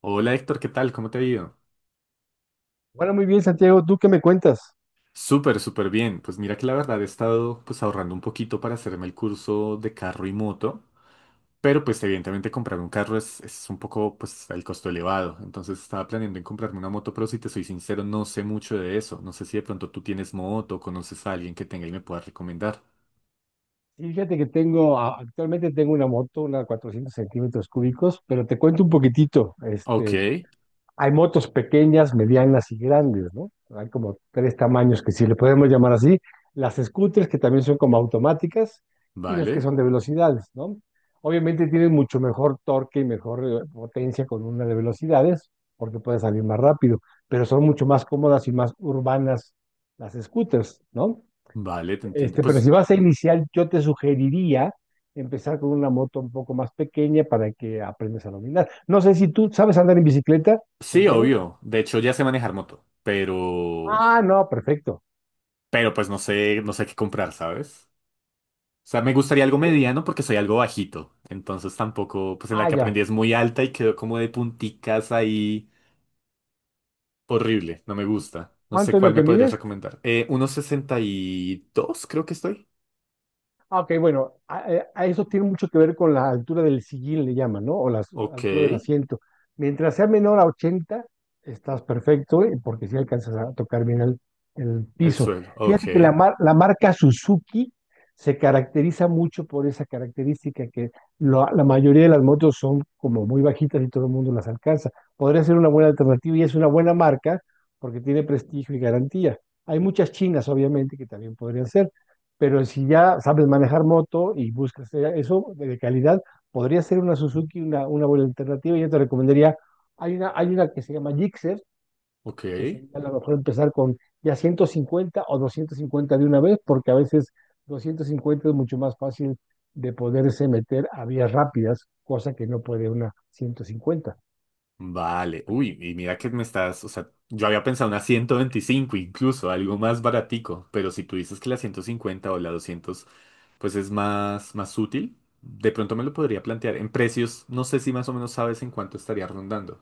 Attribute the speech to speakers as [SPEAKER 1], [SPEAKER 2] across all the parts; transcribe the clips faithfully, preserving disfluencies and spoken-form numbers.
[SPEAKER 1] Hola Héctor, ¿qué tal? ¿Cómo te ha ido?
[SPEAKER 2] Bueno, muy bien, Santiago, ¿tú qué me cuentas?
[SPEAKER 1] Súper, súper bien. Pues mira que la verdad he estado pues ahorrando un poquito para hacerme el curso de carro y moto, pero pues evidentemente comprar un carro es, es un poco pues el costo elevado. Entonces estaba planeando en comprarme una moto, pero si te soy sincero no sé mucho de eso. No sé si de pronto tú tienes moto, o conoces a alguien que tenga y me pueda recomendar.
[SPEAKER 2] Sí, fíjate que tengo, a- actualmente tengo una moto, una cuatrocientos centímetros cúbicos, pero te cuento un poquitito.
[SPEAKER 1] Ok,
[SPEAKER 2] Este, hay motos pequeñas, medianas y grandes, ¿no? Hay como tres tamaños que si le podemos llamar así. Las scooters, que también son como automáticas, y las que
[SPEAKER 1] vale,
[SPEAKER 2] son de velocidades, ¿no? Obviamente tienen mucho mejor torque y mejor eh, potencia con una de velocidades, porque puede salir más rápido, pero son mucho más cómodas y más urbanas las scooters, ¿no?
[SPEAKER 1] vale, te entiendo.
[SPEAKER 2] Este, pero
[SPEAKER 1] Pues
[SPEAKER 2] si vas a iniciar, yo te sugeriría empezar con una moto un poco más pequeña para que aprendas a dominar. No sé si tú sabes andar en bicicleta,
[SPEAKER 1] sí,
[SPEAKER 2] Santiago.
[SPEAKER 1] obvio. De hecho ya sé manejar moto, pero...
[SPEAKER 2] Ah, no, perfecto.
[SPEAKER 1] Pero pues no sé, no sé qué comprar, ¿sabes? O sea, me gustaría algo
[SPEAKER 2] Eh,
[SPEAKER 1] mediano porque soy algo bajito. Entonces tampoco, pues en la
[SPEAKER 2] Ah,
[SPEAKER 1] que aprendí
[SPEAKER 2] ya.
[SPEAKER 1] es muy alta y quedó como de punticas ahí. Horrible, no me gusta. No sé
[SPEAKER 2] ¿Cuánto es
[SPEAKER 1] cuál
[SPEAKER 2] lo
[SPEAKER 1] me
[SPEAKER 2] que
[SPEAKER 1] podrías
[SPEAKER 2] mides?
[SPEAKER 1] recomendar. Eh, uno sesenta y dos creo que estoy.
[SPEAKER 2] Ah, ok, bueno, a, eh, a- eso tiene mucho que ver con la altura del sillín, le llaman, ¿no? O la s-
[SPEAKER 1] Ok,
[SPEAKER 2] altura del
[SPEAKER 1] el
[SPEAKER 2] asiento. Mientras sea menor a ochenta, estás perfecto, ¿eh? Porque si alcanzas a tocar bien el, el piso.
[SPEAKER 1] suelo. Ok,
[SPEAKER 2] Fíjate que la, mar- la marca Suzuki se caracteriza mucho por esa característica que lo- la mayoría de las motos son como muy bajitas y todo el mundo las alcanza. Podría ser una buena alternativa y es una buena marca porque tiene prestigio y garantía. Hay muchas chinas, obviamente, que también podrían ser, pero si ya sabes manejar moto y buscas eh, eso de calidad, podría ser una Suzuki una, una buena alternativa. Yo te recomendaría, hay una, hay una que se llama Gixxer,
[SPEAKER 1] ok.
[SPEAKER 2] que sería a lo mejor empezar con ya ciento cincuenta o doscientos cincuenta de una vez, porque a veces doscientos cincuenta es mucho más fácil de poderse meter a vías rápidas, cosa que no puede una ciento cincuenta.
[SPEAKER 1] Vale, uy, y mira que me estás, o sea, yo había pensado una ciento veinticinco incluso, algo más baratico, pero si tú dices que la ciento cincuenta o la doscientos pues es más, más útil, de pronto me lo podría plantear. En precios, no sé si más o menos sabes en cuánto estaría rondando,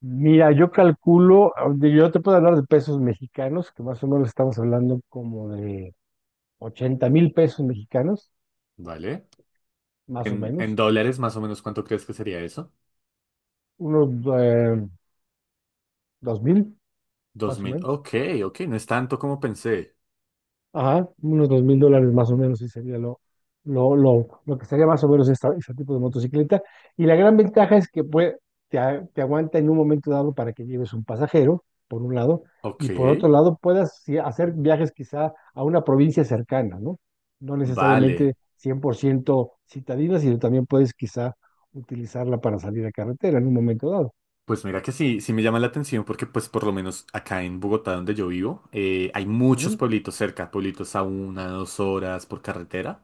[SPEAKER 2] Mira, yo calculo, de- yo te puedo hablar de pesos mexicanos, que más o menos estamos hablando como de ochenta mil pesos mexicanos.
[SPEAKER 1] ¿vale?
[SPEAKER 2] Más o
[SPEAKER 1] En, en
[SPEAKER 2] menos.
[SPEAKER 1] dólares, más o menos, ¿cuánto crees que sería eso?
[SPEAKER 2] Unos eh, dos mil,
[SPEAKER 1] dos
[SPEAKER 2] más o
[SPEAKER 1] mil
[SPEAKER 2] menos.
[SPEAKER 1] ok. Ok, no es tanto como pensé.
[SPEAKER 2] Ajá, unos dos mil dólares más o menos, sí sería lo, lo, lo, lo que sería más o menos esta, este tipo de motocicleta. Y la gran ventaja es que puede, te, a- te aguanta en un momento dado para que lleves un pasajero, por un lado,
[SPEAKER 1] Ok,
[SPEAKER 2] y por otro lado puedas sí, hacer viajes quizá a una provincia cercana, ¿no? No
[SPEAKER 1] vale.
[SPEAKER 2] necesariamente cien por ciento citadina, sino también puedes quizá utilizarla para salir a carretera en un momento
[SPEAKER 1] Pues mira que sí, sí me llama la atención porque pues por lo menos acá en Bogotá donde yo vivo eh, hay muchos
[SPEAKER 2] dado.
[SPEAKER 1] pueblitos cerca, pueblitos a una, dos horas por carretera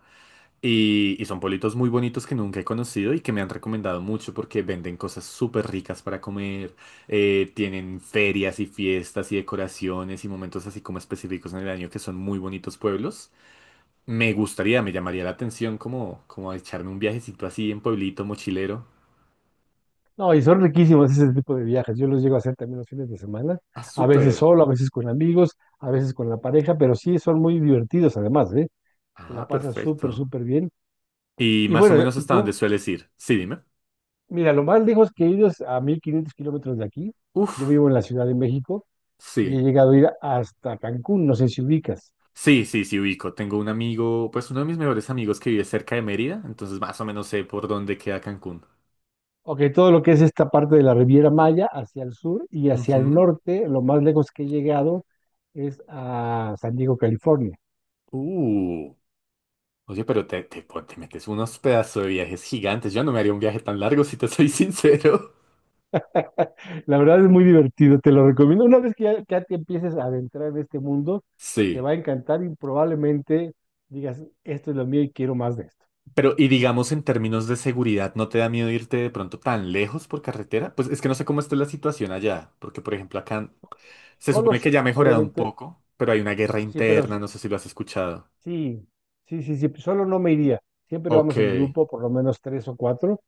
[SPEAKER 1] y, y son pueblitos muy bonitos que nunca he conocido y que me han recomendado mucho porque venden cosas súper ricas para comer, eh, tienen ferias y fiestas y decoraciones y momentos así como específicos en el año que son muy bonitos pueblos. Me gustaría, me llamaría la atención como, como echarme un viajecito así en pueblito mochilero.
[SPEAKER 2] No, y son riquísimos ese tipo de viajes. Yo los llego a hacer también los fines de semana,
[SPEAKER 1] Ah,
[SPEAKER 2] a veces
[SPEAKER 1] súper.
[SPEAKER 2] solo, a veces con amigos, a veces con la pareja, pero sí son muy divertidos además, ¿eh? Te la
[SPEAKER 1] Ah,
[SPEAKER 2] pasas súper,
[SPEAKER 1] perfecto.
[SPEAKER 2] súper bien.
[SPEAKER 1] Y
[SPEAKER 2] Y
[SPEAKER 1] más o
[SPEAKER 2] bueno, eh,
[SPEAKER 1] menos hasta dónde
[SPEAKER 2] tú,
[SPEAKER 1] sueles ir. Sí, dime.
[SPEAKER 2] mira, lo más lejos que he ido es a mil quinientos kilómetros de aquí. Yo
[SPEAKER 1] Uf,
[SPEAKER 2] vivo en la Ciudad de México y he
[SPEAKER 1] sí.
[SPEAKER 2] llegado a ir hasta Cancún, no sé si ubicas.
[SPEAKER 1] Sí, sí, sí, ubico. Tengo un amigo, pues uno de mis mejores amigos que vive cerca de Mérida, entonces más o menos sé por dónde queda Cancún.
[SPEAKER 2] Ok, todo lo que es esta parte de la Riviera Maya hacia el sur y hacia el
[SPEAKER 1] Ujú.
[SPEAKER 2] norte, lo más lejos que he llegado es a San Diego, California.
[SPEAKER 1] Uh. Oye, pero te, te, pon- te metes unos pedazos de viajes gigantes. Yo no me haría un viaje tan largo, si te soy sincero.
[SPEAKER 2] La verdad es muy divertido, te lo recomiendo. Una vez que ya, ya te empieces a adentrar en este mundo, te
[SPEAKER 1] Sí.
[SPEAKER 2] va a encantar y probablemente digas, esto es lo mío y quiero más de esto.
[SPEAKER 1] Pero, y digamos en términos de seguridad, ¿no te da miedo irte de pronto tan lejos por carretera? Pues es que no sé cómo está la situación allá, porque por ejemplo acá. Se
[SPEAKER 2] Solo
[SPEAKER 1] supone
[SPEAKER 2] sí,
[SPEAKER 1] que ya ha mejorado un
[SPEAKER 2] obviamente,
[SPEAKER 1] poco, pero hay una guerra
[SPEAKER 2] sí, pero s-
[SPEAKER 1] interna, no sé si lo has escuchado.
[SPEAKER 2] sí, sí, sí, sí, solo no me iría. Siempre
[SPEAKER 1] Ok,
[SPEAKER 2] vamos en grupo, por lo menos tres o cuatro,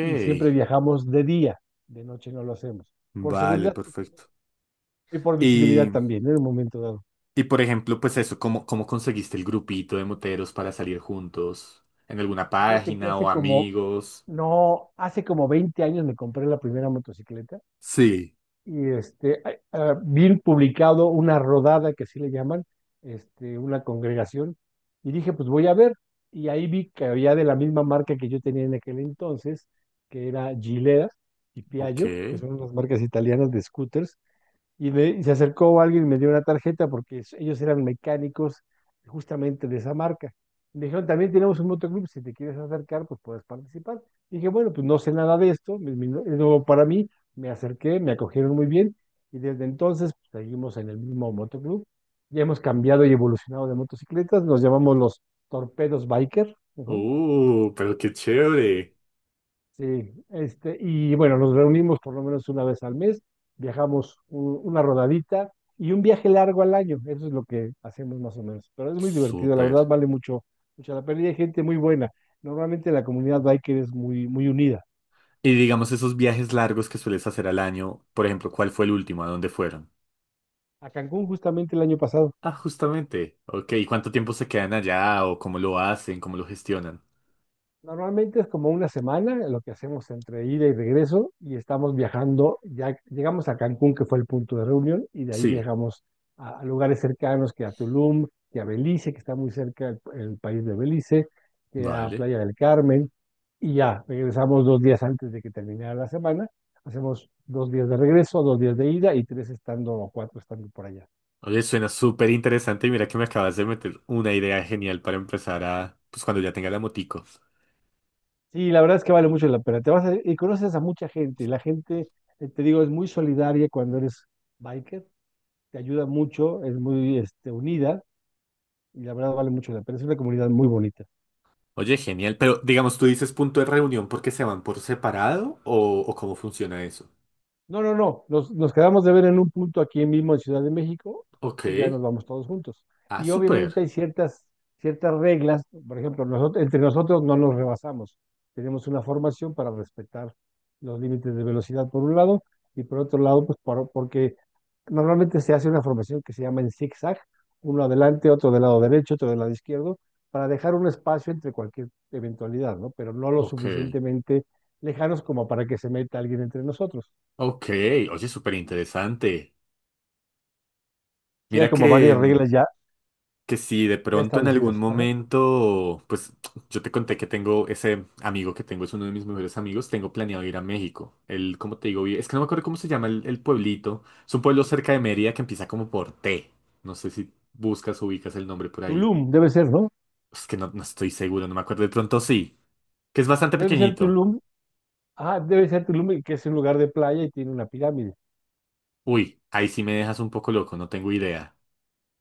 [SPEAKER 2] y siempre viajamos de día, de noche no lo hacemos. Por
[SPEAKER 1] Vale,
[SPEAKER 2] seguridad justamente,
[SPEAKER 1] perfecto.
[SPEAKER 2] y por visibilidad
[SPEAKER 1] Y,
[SPEAKER 2] también, ¿eh? En un momento dado.
[SPEAKER 1] y por ejemplo, pues eso, ¿cómo, ¿cómo conseguiste el grupito de moteros para salir juntos? ¿En alguna
[SPEAKER 2] Fíjate que
[SPEAKER 1] página
[SPEAKER 2] hace
[SPEAKER 1] o
[SPEAKER 2] como,
[SPEAKER 1] amigos?
[SPEAKER 2] No, hace como veinte años me compré la primera motocicleta.
[SPEAKER 1] Sí.
[SPEAKER 2] Y este, hay- ah, vi publicado una rodada, que así le llaman, este, una congregación, y dije, pues voy a ver. Y ahí vi que había de la misma marca que yo tenía en aquel entonces, que era Gilea y
[SPEAKER 1] Ok.
[SPEAKER 2] Piaggio, que son unas marcas italianas de scooters, y, le- y se acercó alguien y me dio una tarjeta porque es- ellos eran mecánicos justamente de esa marca. Me dijeron, también tenemos un motoclub, si te quieres acercar, pues puedes participar. Y dije, bueno, pues no sé nada de esto, es mi- es nuevo para mí, me acerqué, me acogieron muy bien y desde entonces pues, seguimos en el mismo motoclub. Ya hemos cambiado y evolucionado de motocicletas, nos llamamos los Torpedos Biker.
[SPEAKER 1] Uh, pero qué chévere.
[SPEAKER 2] Sí, este, y bueno, nos reunimos por lo menos una vez al mes, viajamos u- una rodadita y un viaje largo al año, eso es lo que hacemos más o menos. Pero es muy divertido, la
[SPEAKER 1] Súper.
[SPEAKER 2] verdad vale mucho, mucho la pena y hay gente muy buena. Normalmente la comunidad biker es muy, muy unida.
[SPEAKER 1] Y digamos esos viajes largos que sueles hacer al año, por ejemplo, ¿cuál fue el último? ¿A dónde fueron?
[SPEAKER 2] A Cancún justamente el año pasado.
[SPEAKER 1] Ah, justamente. Ok, ¿y cuánto tiempo se quedan allá o cómo lo hacen, cómo lo gestionan?
[SPEAKER 2] Normalmente es como una semana lo que hacemos entre ida y regreso y estamos viajando, ya llegamos a Cancún, que fue el punto de reunión, y de ahí
[SPEAKER 1] Sí,
[SPEAKER 2] viajamos a, a lugares cercanos, que a Tulum, que a Belice, que está muy cerca el, el país de Belice, que a
[SPEAKER 1] vale.
[SPEAKER 2] Playa del Carmen, y ya regresamos dos días antes de que terminara la semana, hacemos dos días de regreso, dos días de ida y tres estando o cuatro estando por allá.
[SPEAKER 1] Oye, suena súper interesante y mira que me acabas de meter una idea genial para empezar a, pues cuando ya tenga la motico.
[SPEAKER 2] Sí, la verdad es que vale mucho la pena. Te vas a- y conoces a mucha gente. La gente, eh, te digo, es muy solidaria cuando eres biker. Te ayuda mucho, es muy este, unida y la verdad vale mucho la pena. Es una comunidad muy bonita.
[SPEAKER 1] Oye, genial, pero digamos, tú dices punto de reunión porque se van por separado o, o cómo funciona eso.
[SPEAKER 2] No, no, no. Nos, nos quedamos de ver en un punto aquí mismo en Ciudad de México
[SPEAKER 1] Ok.
[SPEAKER 2] y ya nos vamos todos juntos.
[SPEAKER 1] Ah,
[SPEAKER 2] Y obviamente
[SPEAKER 1] súper.
[SPEAKER 2] hay ciertas, ciertas reglas. Por ejemplo, nosotros, entre nosotros no nos rebasamos. Tenemos una formación para respetar los límites de velocidad por un lado y por otro lado, pues por- porque normalmente se hace una formación que se llama en zigzag, uno adelante, otro del lado derecho, otro del lado izquierdo, para dejar un espacio entre cualquier eventualidad, ¿no? Pero no lo
[SPEAKER 1] Ok.
[SPEAKER 2] suficientemente lejanos como para que se meta alguien entre nosotros.
[SPEAKER 1] Ok. Oye, súper interesante.
[SPEAKER 2] Sí, hay
[SPEAKER 1] Mira
[SPEAKER 2] como
[SPEAKER 1] que,
[SPEAKER 2] varias
[SPEAKER 1] mm,
[SPEAKER 2] reglas ya,
[SPEAKER 1] que si de
[SPEAKER 2] ya
[SPEAKER 1] pronto en algún
[SPEAKER 2] establecidas. Ajá.
[SPEAKER 1] momento, pues yo te conté que tengo ese amigo que tengo, es uno de mis mejores amigos, tengo planeado ir a México. Él, como te digo, vi- es que no me acuerdo cómo se llama el, el pueblito. Es un pueblo cerca de Mérida que empieza como por T. No sé si buscas o ubicas el nombre por ahí.
[SPEAKER 2] Tulum, debe ser, ¿no?
[SPEAKER 1] Es que no, no estoy seguro, no me acuerdo. De pronto sí, que es bastante
[SPEAKER 2] Debe ser
[SPEAKER 1] pequeñito.
[SPEAKER 2] Tulum. Ah, debe ser Tulum, el que es un lugar de playa y tiene una pirámide.
[SPEAKER 1] Uy, ahí sí me dejas un poco loco, no tengo idea.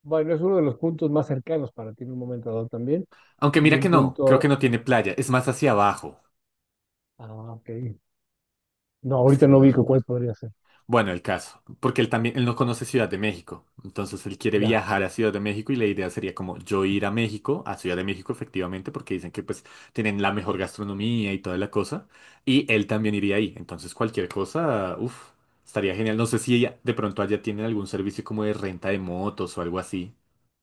[SPEAKER 2] Bueno, es uno de los puntos más cercanos para ti en un momento dado también.
[SPEAKER 1] Aunque
[SPEAKER 2] Y
[SPEAKER 1] mira que
[SPEAKER 2] un
[SPEAKER 1] no, creo que
[SPEAKER 2] punto.
[SPEAKER 1] no tiene playa, es más hacia abajo.
[SPEAKER 2] Ah, ok. No,
[SPEAKER 1] Es
[SPEAKER 2] ahorita
[SPEAKER 1] que no
[SPEAKER 2] no
[SPEAKER 1] lo
[SPEAKER 2] ubico cuál
[SPEAKER 1] recuerdo.
[SPEAKER 2] podría ser.
[SPEAKER 1] Bueno, el caso, porque él también, él no conoce Ciudad de México, entonces él quiere
[SPEAKER 2] Ya.
[SPEAKER 1] viajar a Ciudad de México y la idea sería como yo ir a México, a Ciudad de México efectivamente, porque dicen que pues tienen la mejor gastronomía y toda la cosa, y él también iría ahí, entonces cualquier cosa, uff, estaría genial, no sé si ella- de pronto allá tienen algún servicio como de renta de motos o algo así.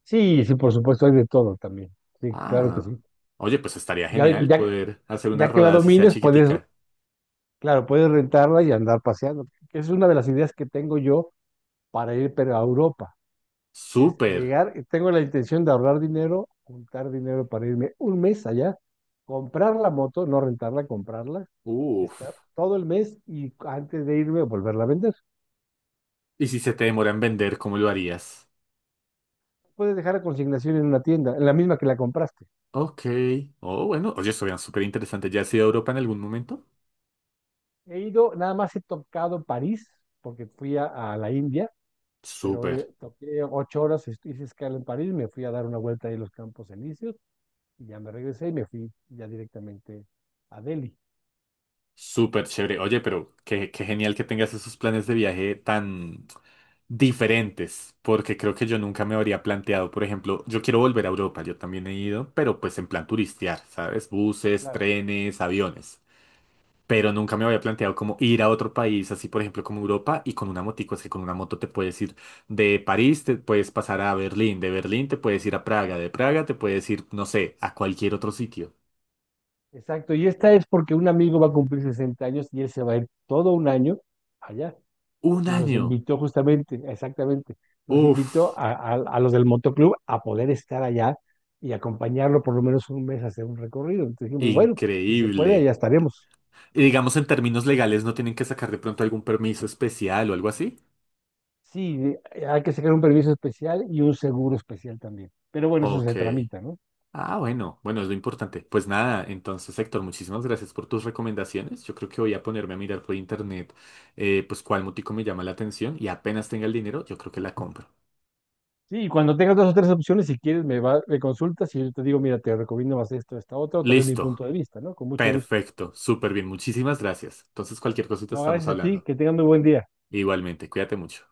[SPEAKER 2] Sí, sí, por supuesto, hay de todo también. Sí, claro que
[SPEAKER 1] Ah,
[SPEAKER 2] sí.
[SPEAKER 1] oye, pues estaría
[SPEAKER 2] Ya,
[SPEAKER 1] genial
[SPEAKER 2] ya,
[SPEAKER 1] poder hacer una
[SPEAKER 2] ya que la
[SPEAKER 1] rodada si sea
[SPEAKER 2] domines, puedes,
[SPEAKER 1] chiquitica.
[SPEAKER 2] claro, puedes rentarla y andar paseando. Que es una de las ideas que tengo yo para ir pero a Europa. Es
[SPEAKER 1] Súper,
[SPEAKER 2] llegar, eh, tengo la intención de ahorrar dinero, juntar dinero para irme un mes allá, comprar la moto, no rentarla, comprarla, estar
[SPEAKER 1] uff,
[SPEAKER 2] todo el mes y antes de irme volverla a vender.
[SPEAKER 1] y si se te demora en vender, ¿cómo lo harías?
[SPEAKER 2] Puedes dejar la consignación en una tienda, en la misma que la compraste.
[SPEAKER 1] Ok. Oh, bueno. Oye, eso súper interesante. ¿Ya has ido a Europa en algún momento?
[SPEAKER 2] He ido, nada más he tocado París, porque fui a, a la India, pero
[SPEAKER 1] Súper,
[SPEAKER 2] eh, toqué ocho horas, est- hice escala en París, me fui a dar una vuelta ahí en los Campos Elíseos y ya me regresé y me fui ya directamente a Delhi.
[SPEAKER 1] súper chévere. Oye, pero qué, qué genial que tengas esos planes de viaje tan diferentes, porque creo que yo nunca me habría planteado, por ejemplo, yo quiero volver a Europa, yo también he ido, pero pues en plan turistear, ¿sabes? Buses,
[SPEAKER 2] Claro.
[SPEAKER 1] trenes, aviones. Pero nunca me había planteado como ir a otro país, así por ejemplo como Europa y con una motico, es que con una moto te puedes ir de París, te puedes pasar a Berlín, de Berlín te puedes ir a Praga, de Praga te puedes ir, no sé, a cualquier otro sitio.
[SPEAKER 2] Exacto, y esta es porque un amigo va a cumplir sesenta años y él se va a ir todo un año allá.
[SPEAKER 1] Un
[SPEAKER 2] Y nos
[SPEAKER 1] año,
[SPEAKER 2] invitó justamente, exactamente, nos invitó
[SPEAKER 1] uff,
[SPEAKER 2] a, a- a los del motoclub a poder estar allá y acompañarlo por lo menos un mes a hacer un recorrido. Entonces dijimos, bueno, si se puede,
[SPEAKER 1] increíble.
[SPEAKER 2] allá estaremos.
[SPEAKER 1] Y digamos en términos legales no tienen que sacar de pronto algún permiso especial o algo así.
[SPEAKER 2] Sí, eh, hay que sacar un permiso especial y un seguro especial también. Pero bueno, eso
[SPEAKER 1] Ok.
[SPEAKER 2] se tramita, ¿no?
[SPEAKER 1] Ah, bueno, bueno, es lo importante. Pues nada, entonces Héctor, muchísimas gracias por tus recomendaciones. Yo creo que voy a ponerme a mirar por internet, eh, pues cuál motico me llama la atención y apenas tenga el dinero, yo creo que la compro.
[SPEAKER 2] Sí, y cuando tengas dos o tres opciones, si quieres, me, va, me consultas y yo te digo, mira, te recomiendo más esto, esta otra, o te doy mi punto
[SPEAKER 1] Listo,
[SPEAKER 2] de vista, ¿no? Con mucho gusto.
[SPEAKER 1] perfecto, súper bien, muchísimas gracias. Entonces cualquier cosita
[SPEAKER 2] No,
[SPEAKER 1] estamos
[SPEAKER 2] gracias a ti,
[SPEAKER 1] hablando.
[SPEAKER 2] que tengan muy buen día.
[SPEAKER 1] Igualmente, cuídate mucho.